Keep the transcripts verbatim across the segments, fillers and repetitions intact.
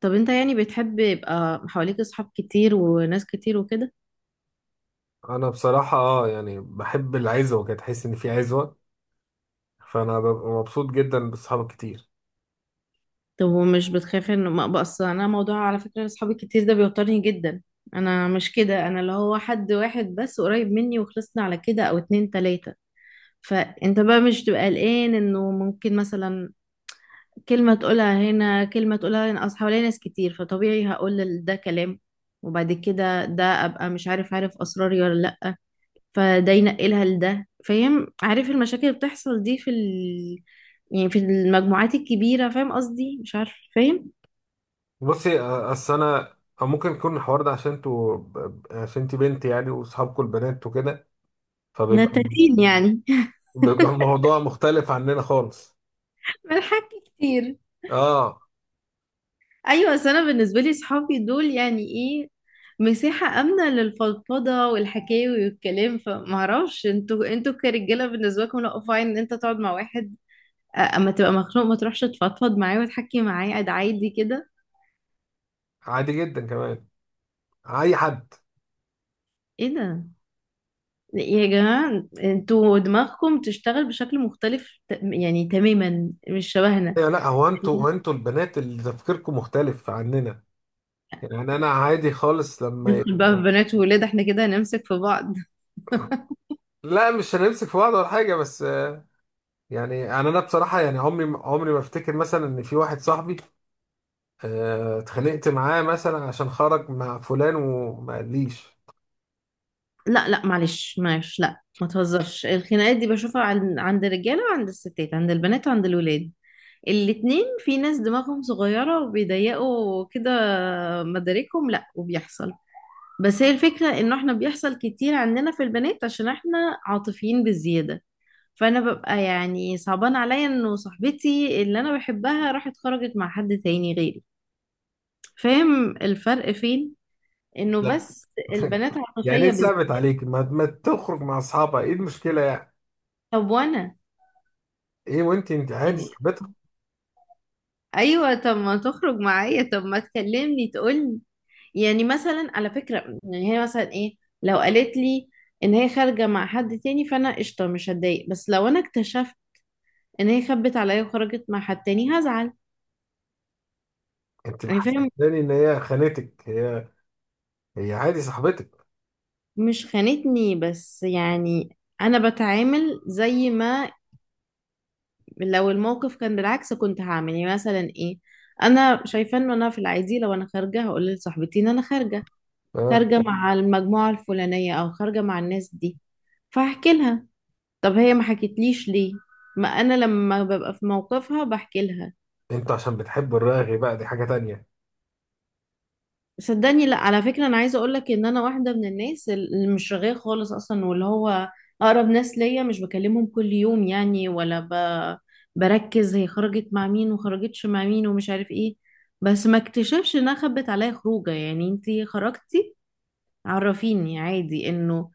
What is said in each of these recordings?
طب انت يعني بتحب يبقى حواليك اصحاب كتير وناس كتير وكده؟ انا بصراحه اه يعني بحب العزوه كده، تحس ان في عزوه. فانا ببقى مبسوط جدا بصحابي كتير. طب ومش بتخاف ان ما بس انا موضوع، على فكرة اصحابي الكتير ده بيوترني جدا. انا مش كده، انا اللي هو حد واحد بس قريب مني وخلصنا على كده، او اتنين تلاتة. فانت بقى مش تبقى قلقان انه ممكن مثلا كلمة تقولها هنا كلمة تقولها هنا، اصل حواليا ناس كتير فطبيعي هقول ده كلام. وبعد كده ده ابقى مش عارف، عارف اسراري ولا لا؟ فده ينقلها لده، فاهم؟ عارف المشاكل اللي بتحصل دي في ال... يعني في المجموعات الكبيرة، فاهم قصدي؟ مش عارف، فاهم؟ بصي آه، اصل انا أو ممكن يكون الحوار ده عشان انتوا ب- عشان انتي بنت يعني واصحابكم البنات وكده، فبيبقى، نتاتين يعني. بيبقى بالظبط الموضوع مختلف عننا خالص. ملحك كتير. اه، ايوه، بس انا بالنسبة لي صحابي دول يعني ايه؟ مساحة آمنة للفضفضة والحكاوي والكلام. فمعرفش انتوا انتوا كرجالة بالنسبة لكم، لا، فاين ان انت تقعد مع واحد، أ- اما تبقى مخنوق ما تروحش تفضفض معاه وتحكي معاه قاعد عادي كده؟ عادي جدا كمان، اي حد. ايه ده! يا جماعة انتوا دماغكم تشتغل بشكل مختلف، ت- يعني تماما مش شبهنا. إيه، لا هو انتوا، هو انتوا البنات اللي تفكيركم مختلف عننا. يعني انا عادي خالص لما ي- ندخل بقى في بنات وولاد احنا كده هنمسك في بعض. لا مش هنمسك في بعض ولا حاجه، بس يعني يعني انا بصراحه يعني عمري عمري ما افتكر مثلا ان في واحد صاحبي آه، اتخانقت معاه مثلا عشان خرج مع فلان وما قاليش. لا لا، معلش معلش، لا ما تهزرش، الخناقات دي بشوفها عن- عند الرجالة وعند الستات، عند البنات وعند الولاد، الاتنين. في ناس دماغهم صغيرة وبيضيقوا كده، مداركهم، لا، وبيحصل. بس هي الفكرة انه احنا بيحصل كتير عندنا في البنات عشان احنا عاطفيين بالزيادة. فانا ببقى يعني صعبان عليا انه صاحبتي اللي انا بحبها راحت خرجت مع حد تاني غيري، فاهم الفرق فين؟ انه لا. بس البنات يعني ايه عاطفية بالذات. ثابت عليك ما, ما تخرج مع اصحابها؟ ايه المشكله يعني؟ طب وانا ايه؟ وانت انت عادي يعني؟ صاحبتك. ايوه طب ما تخرج معايا، طب ما تكلمني تقولي. يعني مثلا على فكرة، يعني هي مثلا ايه، لو قالت لي ان هي خارجة مع حد تاني، فانا قشطة، مش هتضايق. بس لو انا اكتشفت ان هي خبت عليا وخرجت مع حد تاني هزعل. انت يعني فاهم؟ محسساني ان هي خانتك، هي هي عادي صاحبتك. مش خانتني، بس يعني انا بتعامل زي ما لو الموقف كان بالعكس كنت هعمل. يعني مثلا ايه، انا شايفه ان انا في العادي لو انا خارجه هقول لصاحبتي ان انا خارجه، اه. خارجه مع المجموعه الفلانيه او خارجه مع الناس دي، فاحكي لها. طب هي ما حكتليش ليه؟ ما انا لما ببقى في موقفها بحكي لها. انت عشان بتحب الراغي بقى، دي حاجه تانية. صدقني، لا، على فكرة أنا عايزة أقولك إن أنا واحدة من الناس اللي مش رغاية خالص أصلا، واللي هو أقرب ناس ليا مش بكلمهم كل يوم يعني، ولا ب... بركز هي خرجت مع مين وخرجتش مع مين ومش عارف إيه. بس ما اكتشفش إنها خبت عليا خروجة. يعني أنتي خرجتي، عرفيني عادي، إنه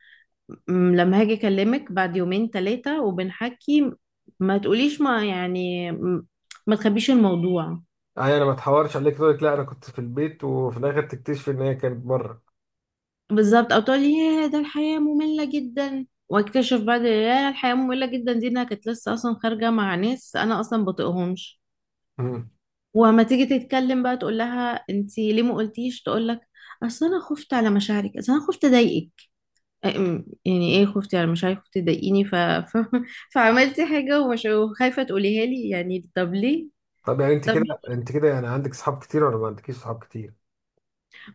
م- لما هاجي أكلمك بعد يومين تلاتة وبنحكي، ما تقوليش، ما يعني م- ما تخبيش الموضوع. اي انا ما اتحورش عليك تقول لك لا انا كنت في البيت، وفي الاخر تكتشف ان هي كانت بره. بالظبط، او تقول لي يا ده الحياة مملة جدا، واكتشف بعد يا الحياة مملة جدا دي انها كانت لسه اصلا خارجة مع ناس انا اصلا بطيقهمش. وما تيجي تتكلم بقى تقول لها انتي ليه ما قلتيش، تقول لك اصل انا خفت على مشاعرك، اصل انا خفت اضايقك. أم، يعني ايه خفتي على مشاعري، خفتي تضايقيني، ف... ف... فعملتي حاجة ومش وخايفة تقوليها لي يعني، طب ليه؟ طب يعني انت طب كده انت كده يعني عندك صحاب كتير ولا ما عندكيش صحاب كتير؟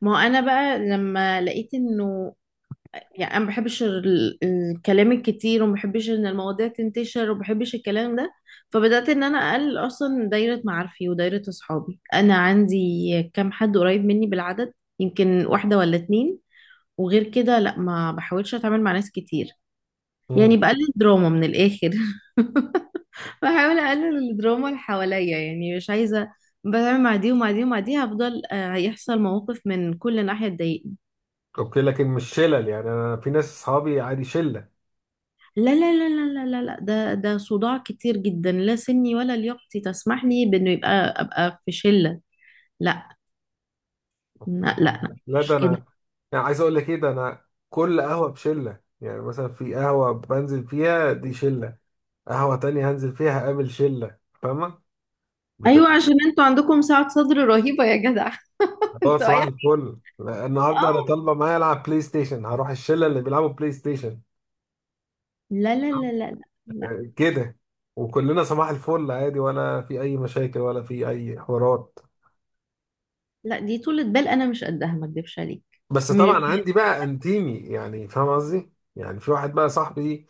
ما هو انا بقى لما لقيت انه يعني انا ما بحبش ال- الكلام الكتير، وما بحبش ان المواضيع تنتشر، وما بحبش الكلام ده، فبدات ان انا اقلل اصلا دايره معارفي ودايره اصحابي. انا عندي كام حد قريب مني بالعدد، يمكن واحده ولا اتنين، وغير كده لا، ما بحاولش اتعامل مع ناس كتير. امم. يعني بقلل دراما من الاخر. بحاول اقلل الدراما اللي حواليا، يعني مش عايزه بتعامل مع دي ومع دي ومع دي، هفضل آه، هيحصل مواقف من كل ناحيه تضايقني. اوكي، لكن مش شلل؟ يعني انا في ناس صحابي عادي شله. لا لا لا لا لا لا لا، ده ده صداع كتير جدا، لا سني ولا لياقتي تسمح لي بانه يبقى ابقى في شلة، لا. لا لا اوكي. لا، لا ده مش كده. انا، يعني عايز اقول لك ايه، ده انا كل قهوه بشله. يعني مثلا في قهوه بنزل فيها دي شله، قهوه تانية هنزل فيها هقابل شله. فاهمه؟ ايوه بتبقى، عشان انتوا عندكم سعة صدر رهيبة يا جدع. اه انتوا صباح اي! الفل، لا، النهارده اه. انا طالبه معايا العب بلاي ستيشن، هروح الشله اللي بيلعبوا بلاي ستيشن. لا لا لا لا لا لا كده. وكلنا صباح الفل عادي، ولا في اي مشاكل ولا في اي حوارات. لا، دي طولة بال انا مش قدها، ما اكدبش عليك. بس م- طبعا عندي بقى انتيمي، يعني فاهم قصدي؟ يعني في واحد بقى صاحبي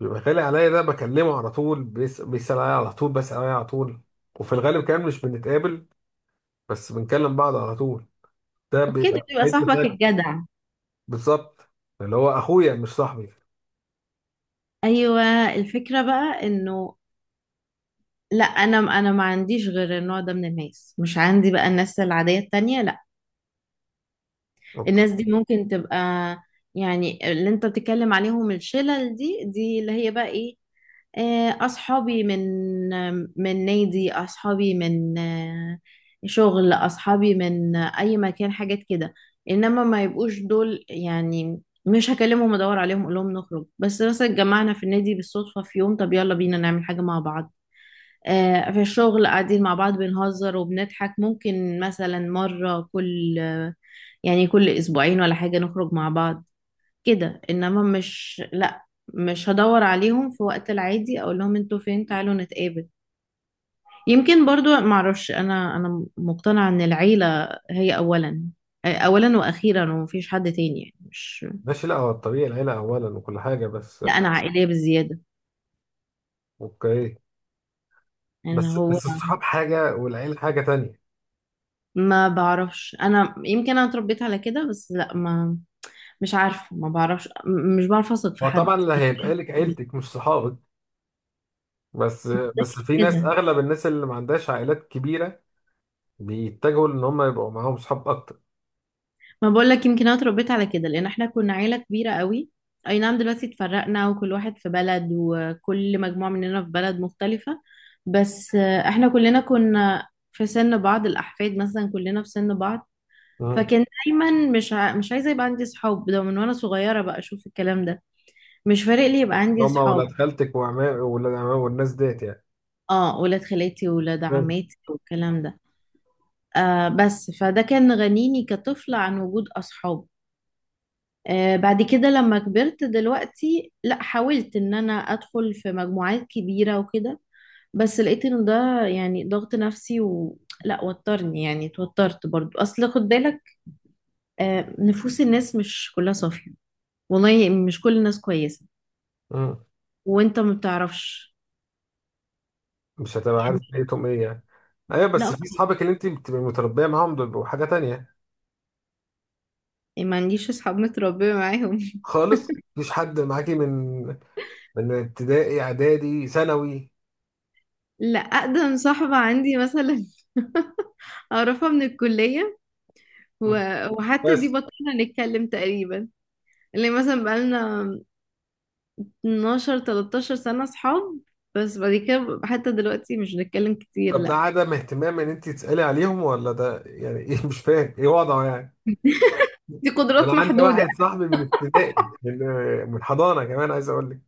بيبقى غالي عليا، ده بكلمه على طول، بيس- بيسأل عليا على طول، بسأل عليا على طول، وفي الغالب كمان مش بنتقابل، بس بنكلم بعض على طول. ده اوكي، ده بيبقى بيبقى حتة صاحبك تانية. الجدع. بالظبط. اللي هو اخويا مش صاحبي. ايوه، الفكرة بقى انه، لا، انا انا ما عنديش غير النوع ده من الناس، مش عندي بقى الناس العادية التانية، لا. اوكي. الناس دي ممكن تبقى، يعني اللي انت بتتكلم عليهم الشلل دي، دي اللي هي بقى ايه، آه، اصحابي من من نادي، اصحابي من آه، شغل، اصحابي من آه، اي مكان، حاجات كده. انما ما يبقوش دول يعني مش هكلمهم ادور عليهم اقول لهم نخرج. بس مثلا اتجمعنا في النادي بالصدفة في يوم، طب يلا بينا نعمل حاجة مع بعض. آه، في الشغل قاعدين مع بعض بنهزر وبنضحك، ممكن مثلا مرة كل يعني كل اسبوعين ولا حاجة نخرج مع بعض كده، انما مش لا، مش هدور عليهم في وقت العادي اقول لهم انتوا فين تعالوا نتقابل. يمكن برضو معرفش، انا انا مقتنعة ان العيلة هي اولا، اولا واخيرا، ومفيش حد تاني يعني مش. ماشي، لا هو الطبيعي العيلة اولا وكل حاجة، بس. لا انا عائلية بزيادة، اوكي. يعني بس هو. بس الصحاب حاجة والعيلة حاجة تانية. ما بعرفش، انا يمكن انا اتربيت على كده. بس لا ما مش عارفة، ما بعرفش، م- مش بعرف اثق في هو حد طبعا اللي هيبقى لك عيلتك مش صحابك، بس بس في ناس، كده. اغلب الناس اللي ما عندهاش عائلات كبيرة بيتجهوا ان هم يبقوا معاهم صحاب اكتر. ما بقول لك يمكن انا اتربيت على كده لان احنا كنا عيله كبيره قوي. اي نعم دلوقتي اتفرقنا، وكل واحد في بلد، وكل مجموعه مننا في بلد مختلفه. بس آه، احنا كلنا كنا في سن بعض، الاحفاد مثلا كلنا في سن بعض. مم. فكان دايما مش ع... مش عايزه يبقى عندي صحاب، ده من وانا صغيره بقى اشوف الكلام ده. مش فارق لي يبقى عندي هم صحاب. ولاد خالتك وعمام، ولاد عمام والناس ديت يعني؟ اه، ولاد خالاتي وولاد مم. عماتي والكلام ده. آه بس فده كان غنيني كطفله عن وجود اصحاب. آه، بعد كده لما كبرت دلوقتي لا حاولت ان انا ادخل في مجموعات كبيرة وكده، بس لقيت ان ده يعني ضغط نفسي و... لا وترني، يعني اتوترت برضو. اصل خد بالك، آه، نفوس الناس مش كلها صافية، والله مش كل الناس كويسة، مم. وانت ما بتعرفش مش هتبقى يعني. عارف نيتهم ايه يعني. ايوه بس لا، في صحابك اللي انت بتبقي متربيه معاهم، دول بيبقوا حاجه تانية. ما عنديش اصحاب متربية معاهم. خالص مفيش حد معاكي من من ابتدائي اعدادي ثانوي؟ لا، اقدم صاحبة عندي مثلا، اعرفها من الكلية و... وحتى دي بس. بطلنا نتكلم تقريبا، اللي مثلا بقالنا اتناشر تلتاشر سنة صحاب. بس بعد كده حتى دلوقتي مش بنتكلم كتير، طب ده لا. عدم اهتمام ان انت تسالي عليهم، ولا ده يعني ايه، مش فاهم ايه وضعه يعني. دي ده قدرات انا عندي محدودة، واحد صاحبي من ابتدائي، من من حضانه كمان عايز اقول لك.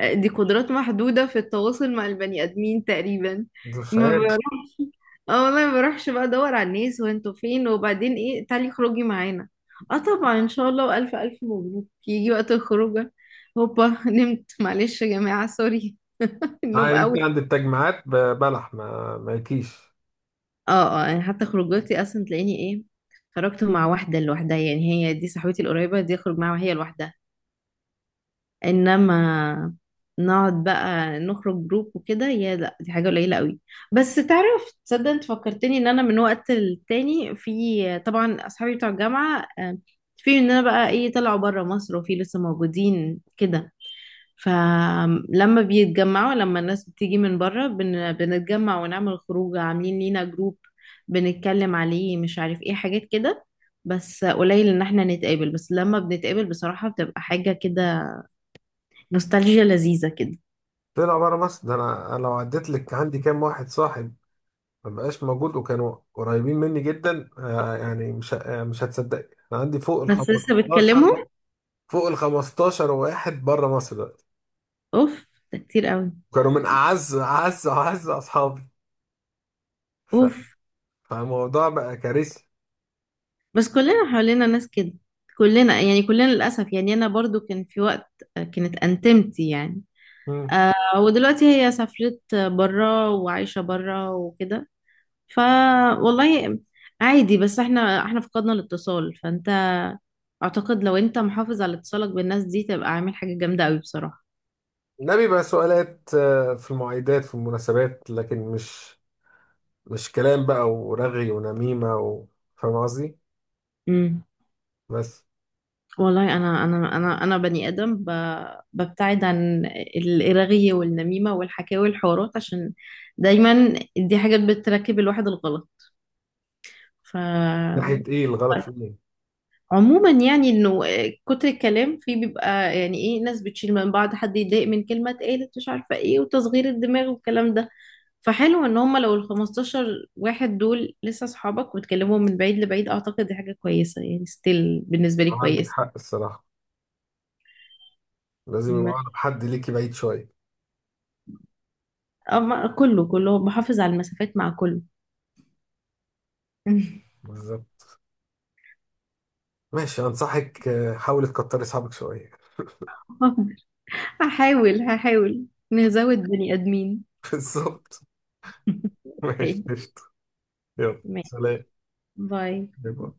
دي قدرات محدودة في التواصل مع البني آدمين تقريبا. ده مش ما عارف. بروحش. اه والله ما بروحش بقى ادور على الناس، وانتوا فين، وبعدين ايه تعالي خروجي معانا. اه طبعا ان شاء الله، والف الف مبروك، يجي وقت الخروجه. هوبا، نمت، معلش يا جماعة، سوري. اه النوم يعني انت قوي. عند التجمعات ب- بلح ما مالكيش. اه اه، يعني حتى خروجاتي اصلا تلاقيني ايه، خرجت مع واحدة لوحدها. يعني هي دي صاحبتي القريبة دي، اخرج معاها وهي لوحدها. انما نقعد بقى نخرج جروب وكده، يا لا دي حاجة قليلة قوي. بس تعرف تصدق، انت فكرتني ان انا من وقت للتاني، في طبعا اصحابي بتوع الجامعة آه، في ان انا بقى ايه، طلعوا بره مصر وفي لسه موجودين كده، فلما بيتجمعوا لما الناس بتيجي من بره بن... بنتجمع ونعمل خروج. عاملين لينا جروب بنتكلم عليه، مش عارف ايه، حاجات كده. بس قليل ان احنا نتقابل، بس لما بنتقابل بصراحة بتبقى حاجة كده نوستالجيا لذيذة كده. طلع بره مصر؟ ده انا، أنا لو عديت لك عندي كام واحد صاحب ما بقاش موجود وكانوا قريبين مني جدا آه، يعني مش ه- آه مش هتصدق، انا عندي فوق ال بس لسه خمستاشر، بتكلموا؟ فوق ال خمستاشر واحد بره مصر دلوقتي. اوف، ده كتير قوي. كانوا من اعز اعز اعز اصحابي. ف... اوف. فالموضوع بقى كارثي. بس كلنا حوالينا ناس كده، كلنا يعني، كلنا للأسف. يعني أنا برضو كان في وقت كانت أنتمتي يعني، مم. ودلوقتي هي سافرت برا وعايشة برا وكده. ف والله عادي. بس احنا احنا فقدنا الاتصال. فانت اعتقد لو انت محافظ على اتصالك بالناس دي تبقى عامل حاجة جامدة قوي بصراحة. ده بيبقى سؤالات آه، في المعايدات، في المناسبات، لكن مش مش كلام بقى ورغي ونميمة و... فاهم قصدي؟ امم بس. والله انا انا انا انا بني ادم ب... ببتعد عن الرغي والنميمة والحكاوي والحوارات عشان دايما دي حاجات بتركب الواحد الغلط. ف ناحية ايه؟ الغلط في ايه؟ عموما يعني انه كتر الكلام فيه بيبقى يعني ايه، ناس بتشيل من بعض، حد يتضايق من كلمة اتقالت مش عارفة ايه، وتصغير الدماغ والكلام ده. فحلو ان هم لو ال خمستاشر واحد دول لسه اصحابك وتكلمهم من بعيد لبعيد، اعتقد دي حاجه كويسه يعني، ستيل بالنسبه لي عندك كويسه. حق الصراحة. لازم يبقى ما- أقرب حد ليكي بعيد شوية. أما كله كله بحافظ على المسافات مع كله. بالظبط. ماشي، أنصحك آه، حاولي تكتري أصحابك شوية. هحاول هحاول، نزود بني ادمين. بالظبط. ماشي اوكي، قشطة. يلا ماشي. سلام. باي. باي باي.